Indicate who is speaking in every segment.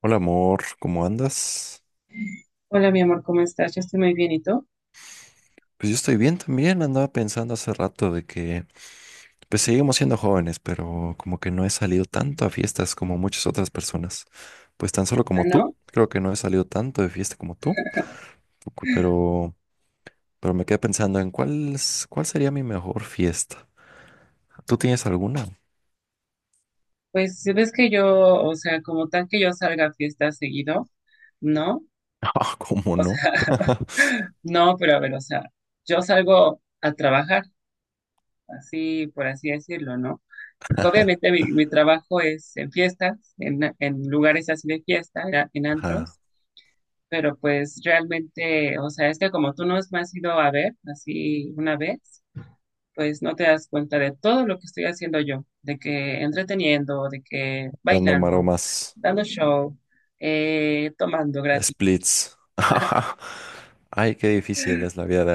Speaker 1: Hola amor, ¿cómo andas?
Speaker 2: Hola, mi amor, ¿cómo estás? Yo estoy muy bien, ¿y tú?
Speaker 1: Pues yo estoy bien también, andaba pensando hace rato de que pues seguimos siendo jóvenes, pero como que no he salido tanto a fiestas como muchas otras personas. Pues tan solo
Speaker 2: Ah,
Speaker 1: como tú,
Speaker 2: no,
Speaker 1: creo que no he salido tanto de fiesta como tú, pero me quedé pensando en cuál sería mi mejor fiesta. ¿Tú tienes alguna?
Speaker 2: pues si ves que yo, o sea, como tal que yo salga a fiestas seguido, no,
Speaker 1: Ah, ¿cómo no?
Speaker 2: no, pero a ver, o sea, yo salgo a trabajar, así, por así decirlo, ¿no? Obviamente mi trabajo es en fiestas, en lugares así de fiesta, en
Speaker 1: Ajá,
Speaker 2: antros, pero pues realmente, o sea, es que como tú nos me has ido a ver, así una vez, pues no te das cuenta de todo lo que estoy haciendo yo, de que entreteniendo, de que
Speaker 1: dando
Speaker 2: bailando,
Speaker 1: maromas,
Speaker 2: dando show, tomando gratis.
Speaker 1: splits. Ay, qué difícil es la vida de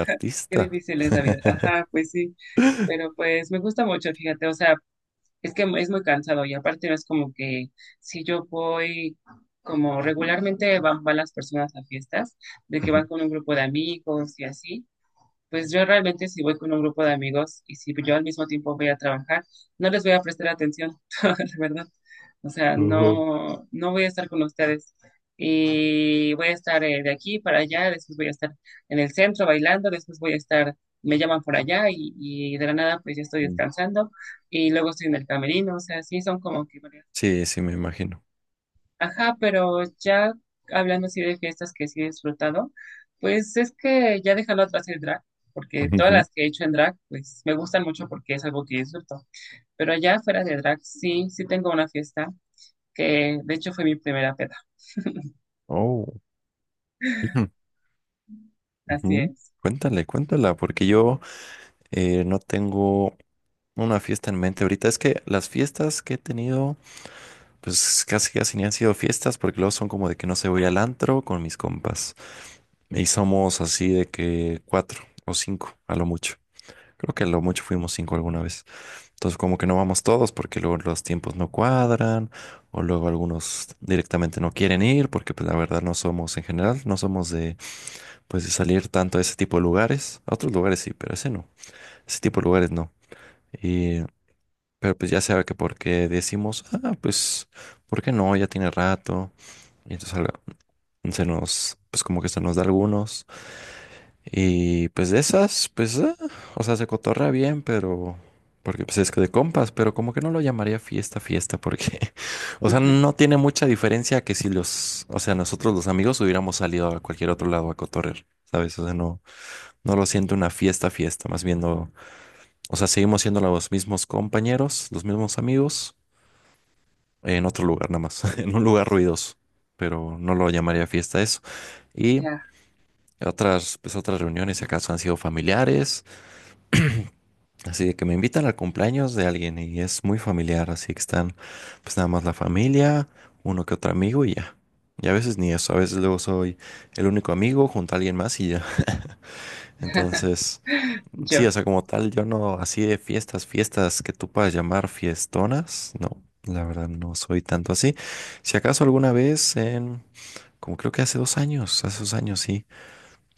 Speaker 2: Qué
Speaker 1: artista.
Speaker 2: difícil es la vida. Ajá, pues sí, pero pues me gusta mucho, fíjate, o sea, es que es muy cansado y aparte no es como que si yo voy, como regularmente van las personas a fiestas, de que van con un grupo de amigos y así, pues yo realmente si voy con un grupo de amigos y si yo al mismo tiempo voy a trabajar, no les voy a prestar atención, la verdad. O sea,
Speaker 1: Ujú.
Speaker 2: no, no voy a estar con ustedes. Y voy a estar de aquí para allá, después voy a estar en el centro bailando, después voy a estar, me llaman por allá y de la nada pues ya estoy
Speaker 1: Mm.
Speaker 2: descansando y luego estoy en el camerino. O sea, sí son como que varias.
Speaker 1: Sí, sí, me imagino.
Speaker 2: Ajá, pero ya hablando así de fiestas que sí he disfrutado, pues es que ya déjalo atrás el drag, porque todas
Speaker 1: Ujú.
Speaker 2: las que he hecho en drag, pues me gustan mucho porque es algo que disfruto. Pero allá fuera de drag, sí, sí tengo una fiesta que de hecho fue mi primera peda.
Speaker 1: Oh, ujú,
Speaker 2: Así
Speaker 1: ujú.
Speaker 2: es.
Speaker 1: Cuéntale, cuéntala, porque yo no tengo una fiesta en mente ahorita. Es que las fiestas que he tenido, pues casi casi ni han sido fiestas, porque luego son como de que no se voy al antro con mis compas. Y somos así de que cuatro o cinco, a lo mucho. Creo que a lo mucho fuimos cinco alguna vez. Entonces como que no vamos todos porque luego los tiempos no cuadran o luego algunos directamente no quieren ir porque pues la verdad no somos en general, no somos de pues de salir tanto a ese tipo de lugares. A otros lugares sí, pero ese no. Ese tipo de lugares no. Y pero pues ya sabe que porque decimos, ah, pues ¿por qué no? Ya tiene rato. Y entonces se nos pues como que se nos da algunos y pues de esas, pues, ah, o sea, se cotorra bien, pero, porque pues es que de compas, pero como que no lo llamaría fiesta, fiesta, porque, o sea,
Speaker 2: Ujú,
Speaker 1: no tiene mucha diferencia que si los, o sea, nosotros los amigos hubiéramos salido a cualquier otro lado a cotorrear, ¿sabes? O sea, no, no lo siento una fiesta, fiesta, más bien no, o sea, seguimos siendo los mismos compañeros, los mismos amigos, en otro lugar nada más, en un lugar ruidoso, pero no lo llamaría fiesta eso. Y
Speaker 2: ya,
Speaker 1: otras, pues otras reuniones, si acaso han sido familiares. Así de que me invitan al cumpleaños de alguien y es muy familiar, así que están pues nada más la familia, uno que otro amigo y ya. Y a veces ni eso, a veces luego soy el único amigo junto a alguien más y ya. Entonces, sí,
Speaker 2: yo.
Speaker 1: o sea, como tal, yo no, así de fiestas, fiestas que tú puedas llamar fiestonas, no, la verdad no soy tanto así. Si acaso alguna vez en, como creo que hace dos años sí,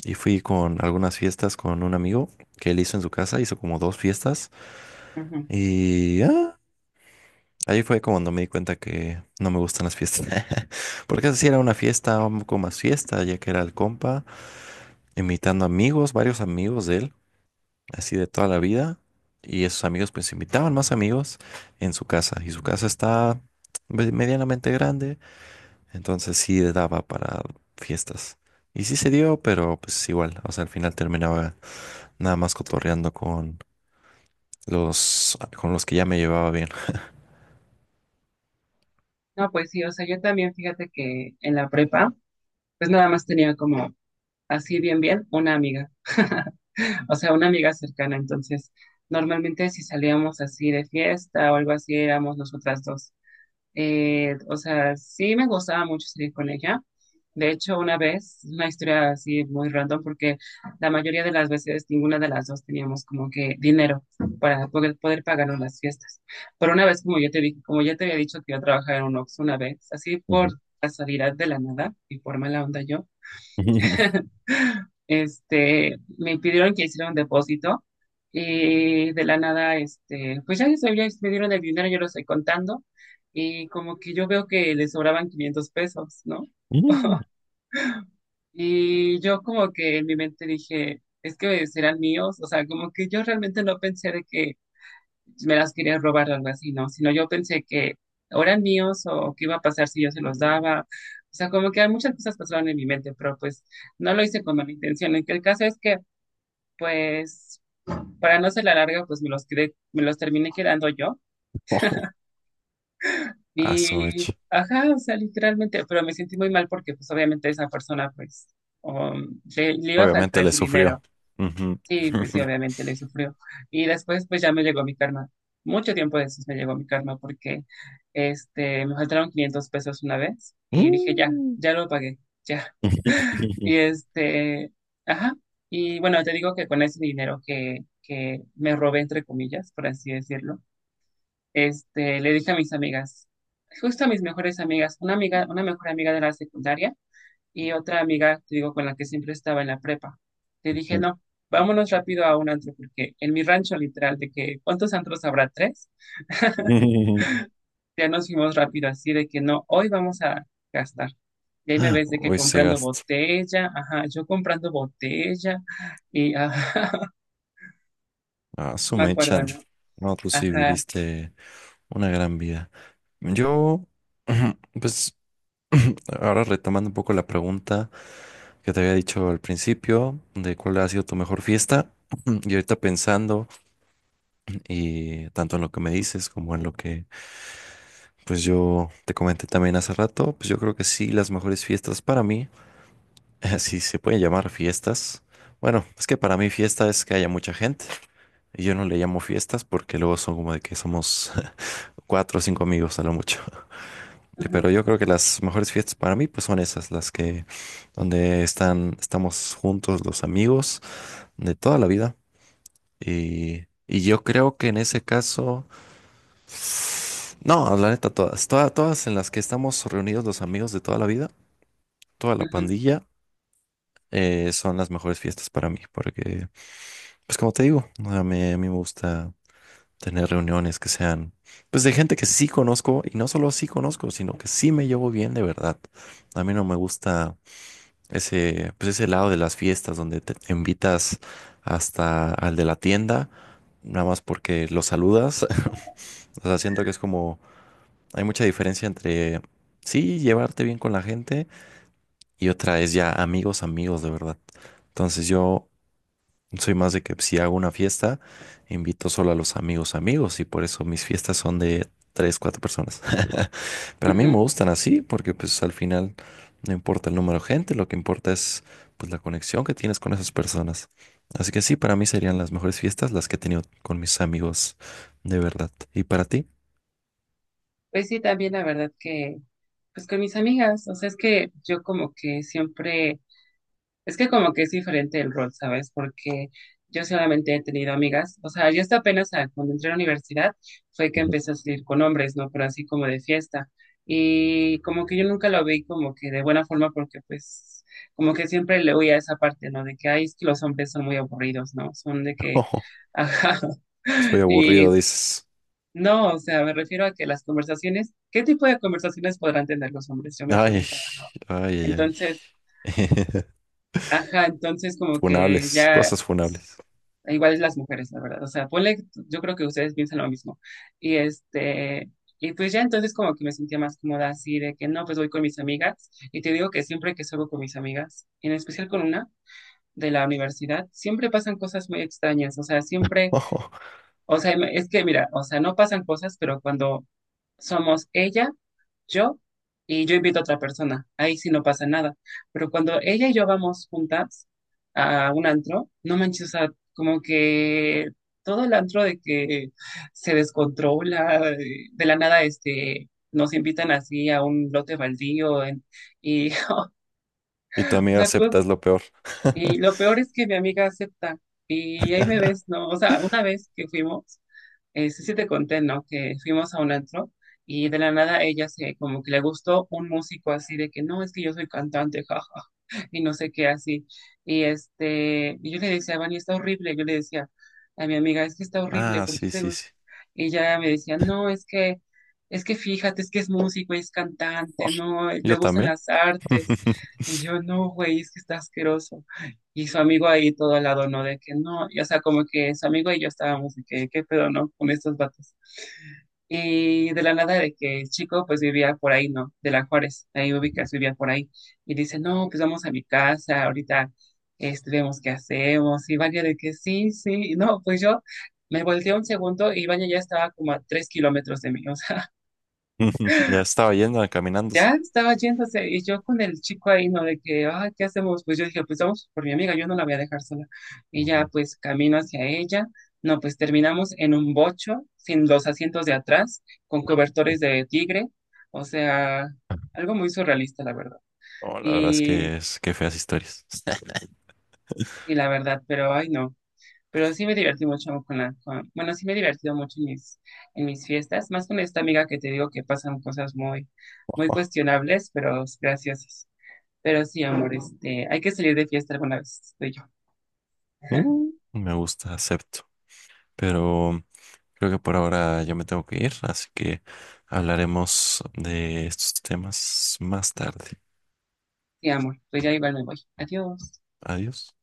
Speaker 1: y fui con algunas fiestas con un amigo que él hizo en su casa, hizo como dos fiestas.
Speaker 2: Ujú.
Speaker 1: Y ahí fue como cuando me di cuenta que no me gustan las fiestas. Porque así era una fiesta, un poco más fiesta, ya que era el compa, invitando amigos, varios amigos de él, así de toda la vida. Y esos amigos pues invitaban más amigos en su casa. Y su casa está medianamente grande, entonces sí daba para fiestas. Y sí se dio, pero pues igual, o sea, al final terminaba nada más cotorreando con con los que ya me llevaba bien.
Speaker 2: No, pues sí, o sea, yo también fíjate que en la prepa, pues nada más tenía como así bien, bien, una amiga. O sea, una amiga cercana. Entonces, normalmente si salíamos así de fiesta o algo así, éramos nosotras dos. O sea, sí me gustaba mucho salir con ella. De hecho, una vez, una historia así muy random, porque la mayoría de las veces ninguna de las dos teníamos como que dinero para poder pagarnos las fiestas. Pero una vez, como yo te dije, como ya te había dicho que yo trabajaba en un Oxxo una vez, así
Speaker 1: Ujú.
Speaker 2: por casualidad de la nada y por mala onda yo, este, me pidieron que hiciera un depósito y de la nada, este, pues ya, ya me dieron el dinero, yo lo estoy contando. Y como que yo veo que le sobraban 500 pesos, ¿no?
Speaker 1: Mm.
Speaker 2: Y yo como que en mi mente dije, es que serán míos. O sea, como que yo realmente no pensé de que me las quería robar o algo así, ¿no? Sino yo pensé que o eran míos o qué iba a pasar si yo se los daba. O sea, como que muchas cosas pasaron en mi mente, pero pues no lo hice con mala intención. En que el caso es que, pues, para no ser la larga, pues me los quedé, me los terminé quedando yo.
Speaker 1: Ojo. Ah, su
Speaker 2: Y,
Speaker 1: mecha.
Speaker 2: ajá, o sea, literalmente, pero me sentí muy mal porque pues obviamente esa persona pues le iba a faltar
Speaker 1: Obviamente le
Speaker 2: ese
Speaker 1: sufrió.
Speaker 2: dinero.
Speaker 1: Ujú.
Speaker 2: Sí, pues sí, obviamente le sufrió. Y después pues ya me llegó mi karma. Mucho tiempo después me llegó mi karma porque este, me faltaron 500 pesos una vez y dije ya,
Speaker 1: Mm.
Speaker 2: ya lo pagué, ya. Y este, ajá. Y bueno, te digo que con ese dinero que me robé, entre comillas, por así decirlo, este, le dije a mis amigas, justo a mis mejores amigas, una amiga, una mejor amiga de la secundaria y otra amiga, te digo, con la que siempre estaba en la prepa. Le dije, no, vámonos rápido a un antro, porque en mi rancho literal, de que, ¿cuántos antros habrá? Tres. Ya nos fuimos rápido, así de que no, hoy vamos a gastar. Y ahí me ves de que
Speaker 1: Hoy se
Speaker 2: comprando
Speaker 1: gasta.
Speaker 2: botella, ajá, yo comprando botella, y ajá,
Speaker 1: Ah, su
Speaker 2: me acuerdo,
Speaker 1: mecha.
Speaker 2: ¿no?
Speaker 1: No, tú sí
Speaker 2: Ajá,
Speaker 1: viviste una gran vida. Yo, pues, ahora retomando un poco la pregunta que te había dicho al principio de cuál ha sido tu mejor fiesta. Y ahorita pensando, y tanto en lo que me dices como en lo que, pues yo te comenté también hace rato, pues yo creo que sí, las mejores fiestas para mí. Si se puede llamar fiestas. Bueno, es que para mí fiesta es que haya mucha gente. Y yo no le llamo fiestas porque luego son como de que somos cuatro o cinco amigos a lo mucho.
Speaker 2: ujú,
Speaker 1: Pero yo creo que las mejores fiestas para mí pues son esas, las que estamos juntos los amigos de toda la vida. Y yo creo que en ese caso, no, la neta, todas, todas, todas en las que estamos reunidos los amigos de toda la vida, toda la
Speaker 2: ujú,
Speaker 1: pandilla, son las mejores fiestas para mí porque... Pues como te digo, o sea, a mí me gusta tener reuniones que sean, pues de gente que sí conozco y no solo sí conozco, sino que sí me llevo bien de verdad. A mí no me gusta ese, pues ese lado de las fiestas donde te invitas hasta al de la tienda, nada más porque lo saludas. O sea, siento que es como, hay mucha diferencia entre sí llevarte bien con la gente y otra es ya amigos, amigos de verdad. Entonces yo soy más de que si hago una fiesta, invito solo a los amigos amigos y por eso mis fiestas son de tres, cuatro personas. Pero a mí me
Speaker 2: ujú.
Speaker 1: gustan así porque pues al final no importa el número de gente, lo que importa es pues la conexión que tienes con esas personas. Así que sí, para mí serían las mejores fiestas las que he tenido con mis amigos de verdad. ¿Y para ti?
Speaker 2: Pues sí, también la verdad que, pues con mis amigas, o sea, es que yo como que siempre, es que como que es diferente el rol, ¿sabes? Porque yo solamente he tenido amigas, o sea, yo hasta apenas cuando entré a la universidad fue que
Speaker 1: Ujú.
Speaker 2: empecé a salir con hombres, ¿no? Pero así como de fiesta. Y como que yo nunca lo vi como que de buena forma porque pues como que siempre le oía esa parte, ¿no? De que, ay, es que los hombres son muy aburridos, ¿no? Son de que, ajá.
Speaker 1: Soy
Speaker 2: Y
Speaker 1: aburrido, dices.
Speaker 2: no, o sea, me refiero a que las conversaciones, ¿qué tipo de conversaciones podrán tener los hombres? Yo me
Speaker 1: Ay,
Speaker 2: preguntaba.
Speaker 1: ay, ay, ay.
Speaker 2: Entonces, ajá, entonces como que
Speaker 1: Funables,
Speaker 2: ya,
Speaker 1: cosas funables.
Speaker 2: igual es las mujeres, la verdad. O sea, ponle, yo creo que ustedes piensan lo mismo. Y este, y pues ya entonces como que me sentía más cómoda así de que no, pues voy con mis amigas. Y te digo que siempre que salgo con mis amigas, en especial con una de la universidad, siempre pasan cosas muy extrañas. O sea, siempre, o sea, es que mira, o sea, no pasan cosas, pero cuando somos ella, yo y yo invito a otra persona. Ahí sí no pasa nada. Pero cuando ella y yo vamos juntas a un antro, no manches, o sea, como que todo el antro de que se descontrola, de la nada, este, nos invitan así a un lote baldío y,
Speaker 1: Y tu
Speaker 2: o
Speaker 1: amiga
Speaker 2: sea,
Speaker 1: acepta es lo peor.
Speaker 2: y lo peor es que mi amiga acepta. Y ahí me ves, ¿no? O sea, una vez que fuimos, sí, sí te conté, ¿no? Que fuimos a un antro y de la nada ella se, como que le gustó un músico así de que no, es que yo soy cantante, jaja, y no sé qué así. Y este, y yo le decía, Vani, está horrible. Yo le decía a mi amiga, es que está horrible,
Speaker 1: Ah,
Speaker 2: ¿por qué
Speaker 1: sí,
Speaker 2: te,
Speaker 1: sí, sí.
Speaker 2: y ella me decía, no, es que fíjate, es que es músico es cantante, no, le
Speaker 1: Yo
Speaker 2: gustan
Speaker 1: también.
Speaker 2: las artes. Y yo, no, güey, es que está asqueroso. Y su amigo ahí todo al lado, ¿no? De que no, y, o sea, como que su amigo y yo estábamos de que, qué pedo, ¿no? Con estos vatos. Y de la nada de que el chico pues vivía por ahí, ¿no? De la Juárez, ahí ubicas, vivía por ahí. Y dice, no, pues vamos a mi casa, ahorita este, vemos qué hacemos. Y Vania de que sí, sí, y no, pues yo me volteé un segundo y Ibañez ya estaba como a 3 kilómetros de mí, o sea,
Speaker 1: Ya estaba yendo,
Speaker 2: ya
Speaker 1: caminándose.
Speaker 2: estaba yéndose y yo con el chico ahí, ¿no? De que, ah, ¿qué hacemos? Pues yo dije, pues vamos por mi amiga, yo no la voy a dejar sola. Y ya
Speaker 1: Ujú.
Speaker 2: pues camino hacia ella, no, pues terminamos en un bocho, sin los asientos de atrás, con cobertores de tigre, o sea, algo muy surrealista, la verdad.
Speaker 1: No, la verdad
Speaker 2: Y,
Speaker 1: es que feas historias.
Speaker 2: y la verdad, pero ay, no. Pero sí me divertí mucho con la, con- bueno, sí me he divertido mucho en mis fiestas, más con esta amiga que te digo que pasan cosas muy, muy cuestionables, pero graciosas. Pero sí, amor, este, hay que salir de fiesta alguna vez, tú y yo.
Speaker 1: Mm, me gusta, acepto. Pero creo que por ahora yo me tengo que ir, así que hablaremos de estos temas más tarde.
Speaker 2: Sí, amor, pues ya igual me voy. Adiós.
Speaker 1: Adiós.